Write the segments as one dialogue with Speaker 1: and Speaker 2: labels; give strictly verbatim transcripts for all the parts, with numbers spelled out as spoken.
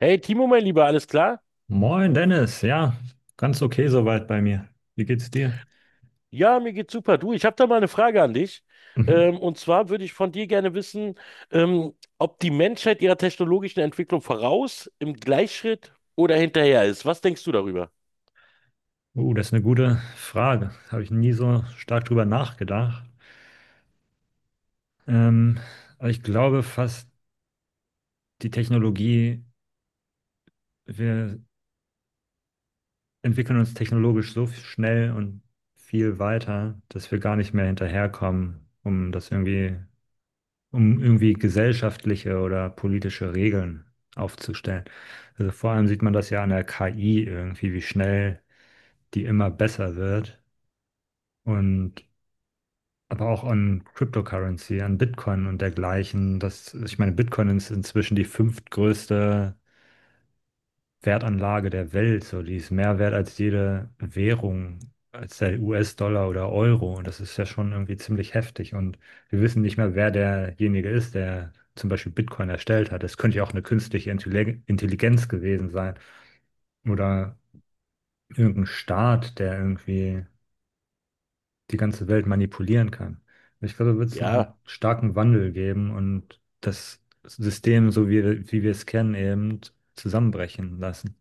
Speaker 1: Hey Timo, mein Lieber, alles klar?
Speaker 2: Moin Dennis, ja, ganz okay soweit bei mir. Wie geht's dir?
Speaker 1: Ja, mir geht's super. Du, ich habe da mal eine Frage an dich.
Speaker 2: Mhm.
Speaker 1: Ähm, und zwar würde ich von dir gerne wissen, ähm, ob die Menschheit ihrer technologischen Entwicklung voraus, im Gleichschritt oder hinterher ist. Was denkst du darüber?
Speaker 2: Uh, das ist eine gute Frage. Habe ich nie so stark drüber nachgedacht. Ähm, aber ich glaube fast, die Technologie, wir entwickeln uns technologisch so schnell und viel weiter, dass wir gar nicht mehr hinterherkommen, um das irgendwie, um irgendwie gesellschaftliche oder politische Regeln aufzustellen. Also vor allem sieht man das ja an der K I irgendwie, wie schnell die immer besser wird. Und aber auch an Cryptocurrency, an Bitcoin und dergleichen. Das, ich meine, Bitcoin ist inzwischen die fünftgrößte Wertanlage der Welt. So, die ist mehr wert als jede Währung, als der U S-Dollar oder Euro. Und das ist ja schon irgendwie ziemlich heftig. Und wir wissen nicht mehr, wer derjenige ist, der zum Beispiel Bitcoin erstellt hat. Das könnte ja auch eine künstliche Intelli- Intelligenz gewesen sein. Oder irgendein Staat, der irgendwie die ganze Welt manipulieren kann. Ich glaube, da wird es noch
Speaker 1: Ja,
Speaker 2: einen starken Wandel geben und das System, so wie, wie wir es kennen, eben zusammenbrechen lassen.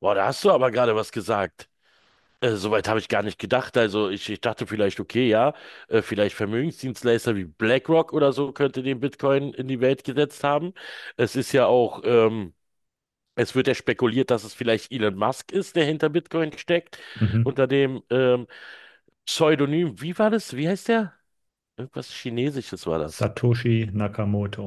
Speaker 1: boah, da hast du aber gerade was gesagt. Äh, soweit habe ich gar nicht gedacht. Also ich, ich dachte vielleicht, okay, ja, äh, vielleicht Vermögensdienstleister wie BlackRock oder so könnte den Bitcoin in die Welt gesetzt haben. Es ist ja auch ähm, Es wird ja spekuliert, dass es vielleicht Elon Musk ist, der hinter Bitcoin steckt,
Speaker 2: Mhm.
Speaker 1: unter dem ähm, Pseudonym, wie war das? Wie heißt der? Irgendwas Chinesisches war das.
Speaker 2: Satoshi Nakamoto.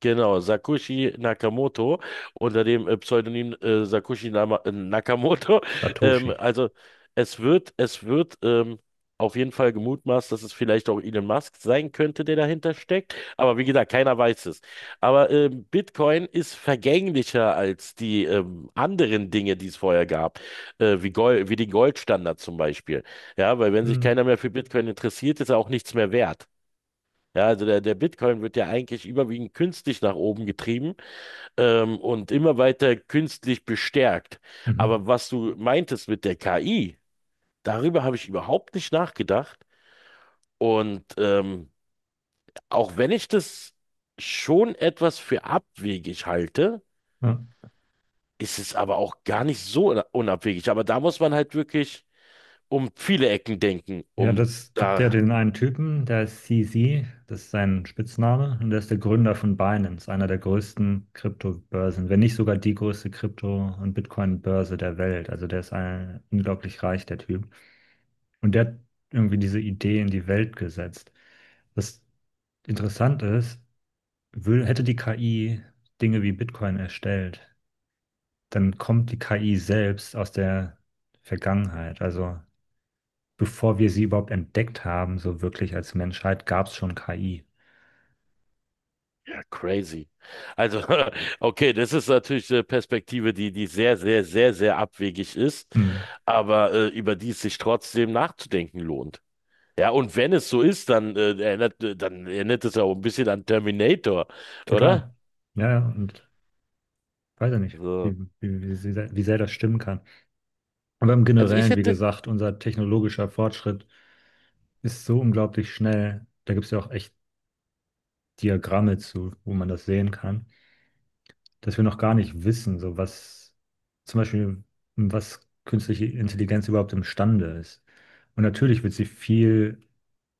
Speaker 1: Genau, Sakushi Nakamoto unter dem äh, Pseudonym äh, Sakushi Nama äh, Nakamoto. Ähm,
Speaker 2: Satoshi.
Speaker 1: also es wird, es wird ähm, auf jeden Fall gemutmaßt, dass es vielleicht auch Elon Musk sein könnte, der dahinter steckt. Aber wie gesagt, keiner weiß es. Aber ähm, Bitcoin ist vergänglicher als die ähm, anderen Dinge, die es vorher gab, äh, wie Gold, wie den Goldstandard zum Beispiel. Ja, weil wenn sich
Speaker 2: Mhm.
Speaker 1: keiner mehr für Bitcoin interessiert, ist er auch nichts mehr wert. Ja, also der, der Bitcoin wird ja eigentlich überwiegend künstlich nach oben getrieben, ähm, und immer weiter künstlich bestärkt.
Speaker 2: Mhm.
Speaker 1: Aber was du meintest mit der K I, darüber habe ich überhaupt nicht nachgedacht. Und ähm, auch wenn ich das schon etwas für abwegig halte,
Speaker 2: Ja.
Speaker 1: ist es aber auch gar nicht so una- unabwegig. Aber da muss man halt wirklich um viele Ecken denken,
Speaker 2: Ja,
Speaker 1: um
Speaker 2: das gibt ja
Speaker 1: da.
Speaker 2: den einen Typen, der ist C Z, das ist sein Spitzname, und der ist der Gründer von Binance, einer der größten Kryptobörsen, wenn nicht sogar die größte Krypto- und Bitcoin-Börse der Welt. Also der ist ein, unglaublich reich, der Typ. Und der hat irgendwie diese Idee in die Welt gesetzt. Was interessant ist, will, hätte die K I Dinge wie Bitcoin erstellt, dann kommt die K I selbst aus der Vergangenheit. Also bevor wir sie überhaupt entdeckt haben, so wirklich als Menschheit, gab es schon K I.
Speaker 1: Ja, crazy. Also, okay, das ist natürlich eine Perspektive, die, die sehr, sehr, sehr, sehr abwegig ist,
Speaker 2: Hm,
Speaker 1: aber äh, über die es sich trotzdem nachzudenken lohnt. Ja, und wenn es so ist, dann äh, erinnert, äh, dann erinnert es ja auch ein bisschen an Terminator, oder?
Speaker 2: total. Ja, ja, und weiß ja nicht,
Speaker 1: So.
Speaker 2: wie, wie, wie, sehr, wie sehr das stimmen kann. Aber im
Speaker 1: Also ich
Speaker 2: Generellen, wie
Speaker 1: hätte,
Speaker 2: gesagt, unser technologischer Fortschritt ist so unglaublich schnell. Da gibt es ja auch echt Diagramme zu, wo man das sehen kann, dass wir noch gar nicht wissen, so was zum Beispiel, was künstliche Intelligenz überhaupt imstande ist. Und natürlich wird sie viel,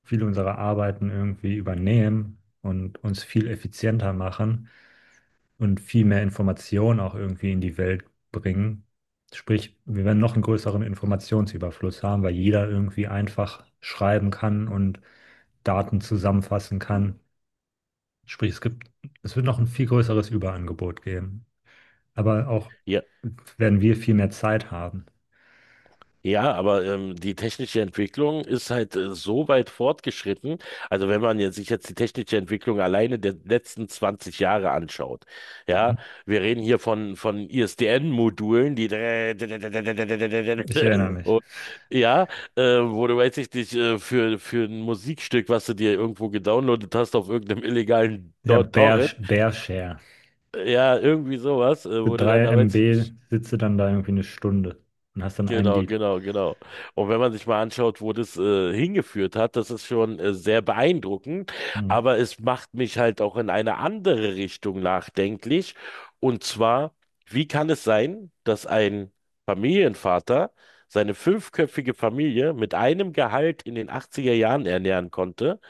Speaker 2: viele unserer Arbeiten irgendwie übernehmen und uns viel effizienter machen und viel mehr Information auch irgendwie in die Welt bringen. Sprich, wir werden noch einen größeren Informationsüberfluss haben, weil jeder irgendwie einfach schreiben kann und Daten zusammenfassen kann. Sprich, es gibt, es wird noch ein viel größeres Überangebot geben. Aber auch
Speaker 1: ja.
Speaker 2: werden wir viel mehr Zeit haben.
Speaker 1: Ja, aber ähm, die technische Entwicklung ist halt äh, so weit fortgeschritten. Also wenn man jetzt, sich jetzt die technische Entwicklung alleine der letzten zwanzig Jahre anschaut, ja,
Speaker 2: Mhm.
Speaker 1: wir reden hier von, von I S D N-Modulen, die
Speaker 2: Ich erinnere mich.
Speaker 1: und, ja, äh, wo du weiß ich nicht, äh, für, für ein Musikstück, was du dir irgendwo gedownloadet hast auf irgendeinem illegalen
Speaker 2: Ja,
Speaker 1: Tor-
Speaker 2: Bear,
Speaker 1: Torrent,
Speaker 2: Bearshare.
Speaker 1: äh, ja, irgendwie sowas, äh,
Speaker 2: Für
Speaker 1: wo du dann,
Speaker 2: drei
Speaker 1: da weiß ich
Speaker 2: MB
Speaker 1: nicht.
Speaker 2: sitzt du dann da irgendwie eine Stunde und hast dann ein
Speaker 1: Genau,
Speaker 2: Lied.
Speaker 1: genau, genau. Und wenn man sich mal anschaut, wo das äh, hingeführt hat, das ist schon äh, sehr beeindruckend,
Speaker 2: Mhm.
Speaker 1: aber es macht mich halt auch in eine andere Richtung nachdenklich. Und zwar, wie kann es sein, dass ein Familienvater seine fünfköpfige Familie mit einem Gehalt in den achtziger Jahren ernähren konnte,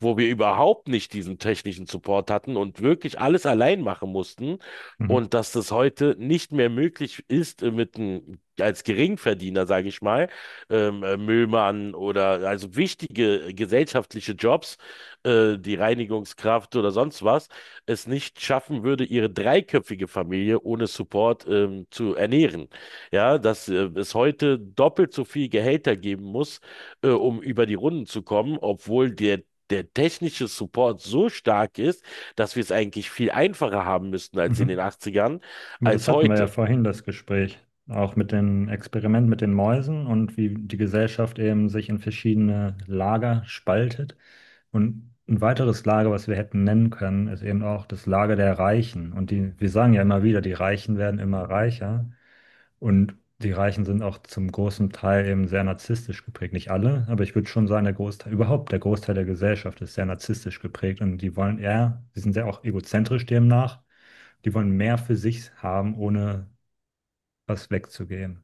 Speaker 1: wo wir überhaupt nicht diesen technischen Support hatten und wirklich alles allein machen mussten?
Speaker 2: Mhm.
Speaker 1: Und dass das heute nicht mehr möglich ist, äh, mit einem, als Geringverdiener, sage ich mal, ähm, äh, Müllmann oder also wichtige äh, gesellschaftliche Jobs, äh, die Reinigungskraft oder sonst was, es nicht schaffen würde, ihre dreiköpfige Familie ohne Support ähm, zu ernähren. Ja, dass äh, es heute doppelt so viel Gehälter geben muss, äh, um über die Runden zu kommen, obwohl der Der technische Support so stark ist, dass wir es eigentlich viel einfacher haben müssten als in den
Speaker 2: Mhm.
Speaker 1: achtzigern,
Speaker 2: Aber das
Speaker 1: als
Speaker 2: hatten wir ja
Speaker 1: heute.
Speaker 2: vorhin, das Gespräch. Auch mit dem Experiment mit den Mäusen und wie die Gesellschaft eben sich in verschiedene Lager spaltet. Und ein weiteres Lager, was wir hätten nennen können, ist eben auch das Lager der Reichen. Und die, wir sagen ja immer wieder, die Reichen werden immer reicher. Und die Reichen sind auch zum großen Teil eben sehr narzisstisch geprägt. Nicht alle, aber ich würde schon sagen, der Großteil, überhaupt der Großteil der Gesellschaft ist sehr narzisstisch geprägt. Und die wollen eher, die sind sehr auch egozentrisch demnach. Die wollen mehr für sich haben, ohne was wegzugeben.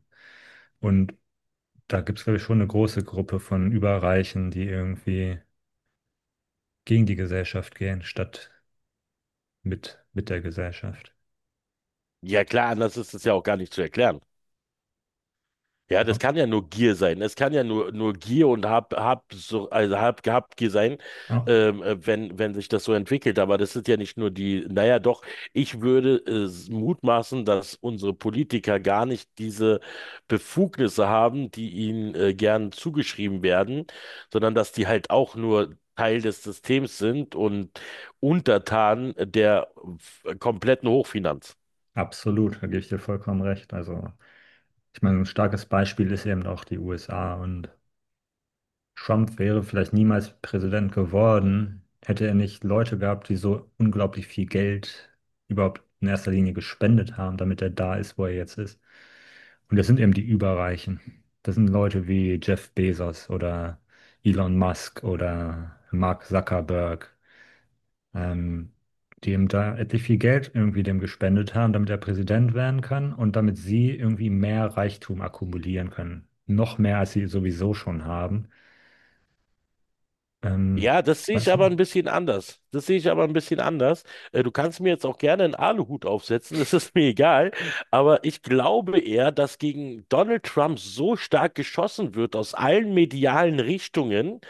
Speaker 2: Und da gibt es, glaube ich, schon eine große Gruppe von Überreichen, die irgendwie gegen die Gesellschaft gehen, statt mit, mit der Gesellschaft.
Speaker 1: Ja klar, anders ist es ja auch gar nicht zu erklären. Ja, das
Speaker 2: Ja,
Speaker 1: kann ja nur Gier sein. Es kann ja nur, nur Gier und Hab, Hab, so, also Hab, hab Gier sein,
Speaker 2: ja,
Speaker 1: ähm, äh, wenn, wenn sich das so entwickelt. Aber das ist ja nicht nur die, naja, doch, ich würde äh, s- mutmaßen, dass unsere Politiker gar nicht diese Befugnisse haben, die ihnen äh, gern zugeschrieben werden, sondern dass die halt auch nur Teil des Systems sind und untertan der äh, kompletten Hochfinanz.
Speaker 2: absolut, da gebe ich dir vollkommen recht. Also, ich meine, ein starkes Beispiel ist eben auch die U S A, und Trump wäre vielleicht niemals Präsident geworden, hätte er nicht Leute gehabt, die so unglaublich viel Geld überhaupt in erster Linie gespendet haben, damit er da ist, wo er jetzt ist. Und das sind eben die Überreichen. Das sind Leute wie Jeff Bezos oder Elon Musk oder Mark Zuckerberg. ähm, Die ihm da etlich viel Geld irgendwie dem gespendet haben, damit er Präsident werden kann und damit sie irgendwie mehr Reichtum akkumulieren können. Noch mehr, als sie sowieso schon haben. Ähm,
Speaker 1: Ja, das
Speaker 2: Ich
Speaker 1: sehe ich
Speaker 2: weiß
Speaker 1: aber
Speaker 2: nicht.
Speaker 1: ein bisschen anders. Das sehe ich aber ein bisschen anders. Äh, Du kannst mir jetzt auch gerne einen Aluhut aufsetzen, das ist mir egal. Aber ich glaube eher, dass gegen Donald Trump so stark geschossen wird aus allen medialen Richtungen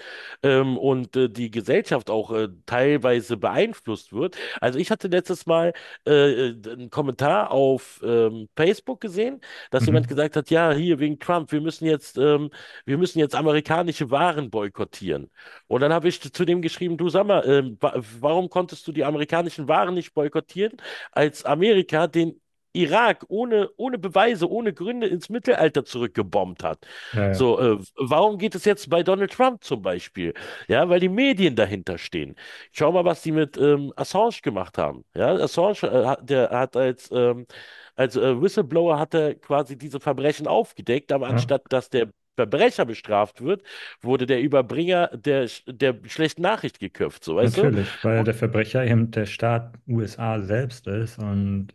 Speaker 1: ähm, und äh, die Gesellschaft auch äh, teilweise beeinflusst wird. Also ich hatte letztes Mal äh, äh, einen Kommentar auf ähm, Facebook gesehen, dass jemand
Speaker 2: Mhm.
Speaker 1: gesagt hat, ja, hier wegen Trump, wir müssen jetzt, ähm, wir müssen jetzt amerikanische Waren boykottieren. Und dann habe ich zu dem geschrieben, du sag mal, ähm, wa warum konntest du die amerikanischen Waren nicht boykottieren, als Amerika den Irak ohne, ohne Beweise, ohne Gründe ins Mittelalter zurückgebombt hat.
Speaker 2: Ja, ja,
Speaker 1: So, äh, warum geht es jetzt bei Donald Trump zum Beispiel? Ja, weil die Medien dahinter stehen. Schau mal, was die mit ähm, Assange gemacht haben. Ja, Assange, äh, hat- der hat als, ähm, als äh, Whistleblower hat er quasi diese Verbrechen aufgedeckt, aber
Speaker 2: ja,
Speaker 1: anstatt dass der Verbrecher bestraft wird, wurde der Überbringer der, der schlechten Nachricht geköpft, so weißt du?
Speaker 2: natürlich, weil der Verbrecher eben der Staat U S A selbst ist und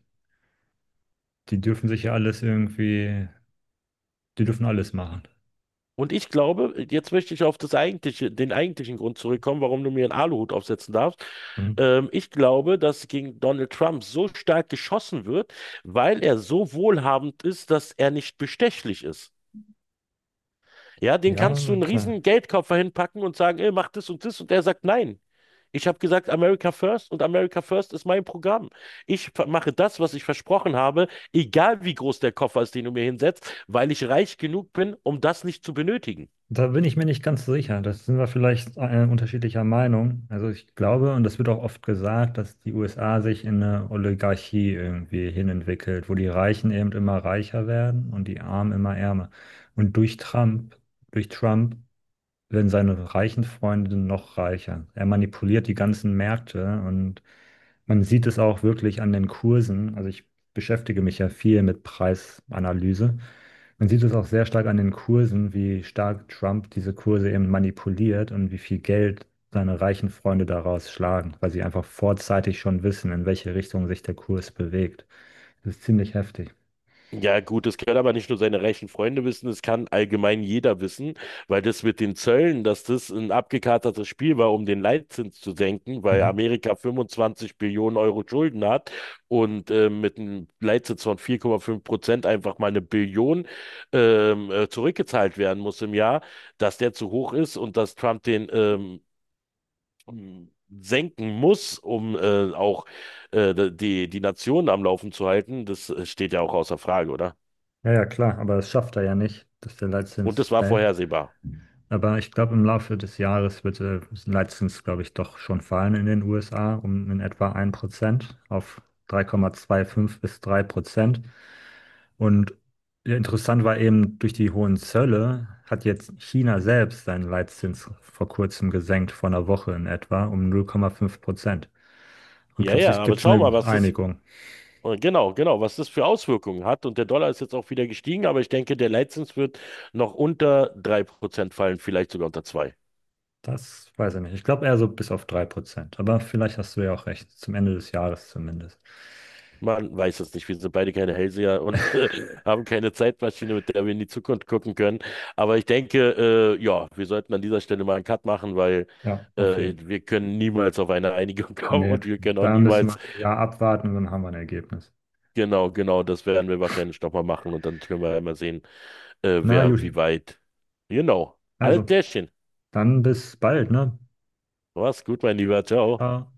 Speaker 2: die dürfen sich ja alles irgendwie, die dürfen alles machen.
Speaker 1: Und ich glaube, jetzt möchte ich auf das eigentliche, den eigentlichen Grund zurückkommen, warum du mir einen Aluhut aufsetzen darfst.
Speaker 2: Mhm.
Speaker 1: Ähm, ich glaube, dass gegen Donald Trump so stark geschossen wird, weil er so wohlhabend ist, dass er nicht bestechlich ist. Ja, den
Speaker 2: Ja,
Speaker 1: kannst du
Speaker 2: na
Speaker 1: einen
Speaker 2: klar.
Speaker 1: riesen Geldkoffer hinpacken und sagen, ey, mach das und das. Und der sagt, nein. Ich habe gesagt, America First und America First ist mein Programm. Ich ver- mache das, was ich versprochen habe, egal wie groß der Koffer ist, den du mir hinsetzt, weil ich reich genug bin, um das nicht zu benötigen.
Speaker 2: Da bin ich mir nicht ganz sicher. Das sind wir vielleicht äh, unterschiedlicher Meinung. Also ich glaube, und das wird auch oft gesagt, dass die U S A sich in eine Oligarchie irgendwie hinentwickelt, wo die Reichen eben immer reicher werden und die Armen immer ärmer. Und durch Trump, durch Trump werden seine reichen Freunde noch reicher. Er manipuliert die ganzen Märkte und man sieht es auch wirklich an den Kursen. Also ich beschäftige mich ja viel mit Preisanalyse. Man sieht es auch sehr stark an den Kursen, wie stark Trump diese Kurse eben manipuliert und wie viel Geld seine reichen Freunde daraus schlagen, weil sie einfach vorzeitig schon wissen, in welche Richtung sich der Kurs bewegt. Das ist ziemlich heftig.
Speaker 1: Ja, gut, das können aber nicht nur seine reichen Freunde wissen, es kann allgemein jeder wissen, weil das mit den Zöllen, dass das ein abgekatertes Spiel war, um den Leitzins zu senken, weil
Speaker 2: Mhm.
Speaker 1: Amerika fünfundzwanzig Billionen Euro Schulden hat und äh, mit einem Leitzins von vier Komma fünf Prozent einfach mal eine Billion ähm, äh, zurückgezahlt werden muss im Jahr, dass der zu hoch ist und dass Trump den ähm, m- senken muss, um äh, auch äh, die, die Nation am Laufen zu halten, das äh, steht ja auch außer Frage, oder?
Speaker 2: Ja, ja, klar, aber das schafft er ja nicht, dass der
Speaker 1: Und
Speaker 2: Leitzins
Speaker 1: das war
Speaker 2: fällt.
Speaker 1: vorhersehbar.
Speaker 2: Aber ich glaube, im Laufe des Jahres wird äh, letztens, glaube ich, doch schon fallen in den U S A um in etwa ein Prozent auf drei Komma fünfundzwanzig bis drei Prozent. Und ja, interessant war eben, durch die hohen Zölle hat jetzt China selbst seinen Leitzins vor kurzem gesenkt, vor einer Woche in etwa, um null Komma fünf Prozent. Und
Speaker 1: Ja, ja,
Speaker 2: plötzlich
Speaker 1: aber
Speaker 2: gibt es
Speaker 1: schau mal,
Speaker 2: eine
Speaker 1: was das,
Speaker 2: Einigung.
Speaker 1: äh, genau, genau, was das für Auswirkungen hat. Und der Dollar ist jetzt auch wieder gestiegen, aber ich denke, der Leitzins wird noch unter drei Prozent fallen, vielleicht sogar unter zwei.
Speaker 2: Das weiß ich nicht. Ich glaube eher so bis auf drei Prozent. Aber vielleicht hast du ja auch recht, zum Ende des Jahres zumindest.
Speaker 1: Man weiß es nicht. Wir sind beide keine Hellseher und äh, haben keine Zeitmaschine, mit der wir in die Zukunft gucken können. Aber ich denke, äh, ja, wir sollten an dieser Stelle mal einen Cut machen, weil
Speaker 2: Ja, auf
Speaker 1: äh,
Speaker 2: jeden Fall.
Speaker 1: wir können niemals auf eine Einigung kommen
Speaker 2: Nee,
Speaker 1: und wir können auch
Speaker 2: da müssen wir
Speaker 1: niemals,
Speaker 2: ein Jahr abwarten und dann haben wir ein Ergebnis.
Speaker 1: genau, genau, das werden wir wahrscheinlich nochmal machen und dann können wir ja mal sehen, äh,
Speaker 2: Na,
Speaker 1: wer
Speaker 2: Juti.
Speaker 1: wie weit. Genau. Alles
Speaker 2: Also,
Speaker 1: klärchen.
Speaker 2: dann bis bald, ne?
Speaker 1: Mach's gut, mein Lieber. Ciao.
Speaker 2: Ciao.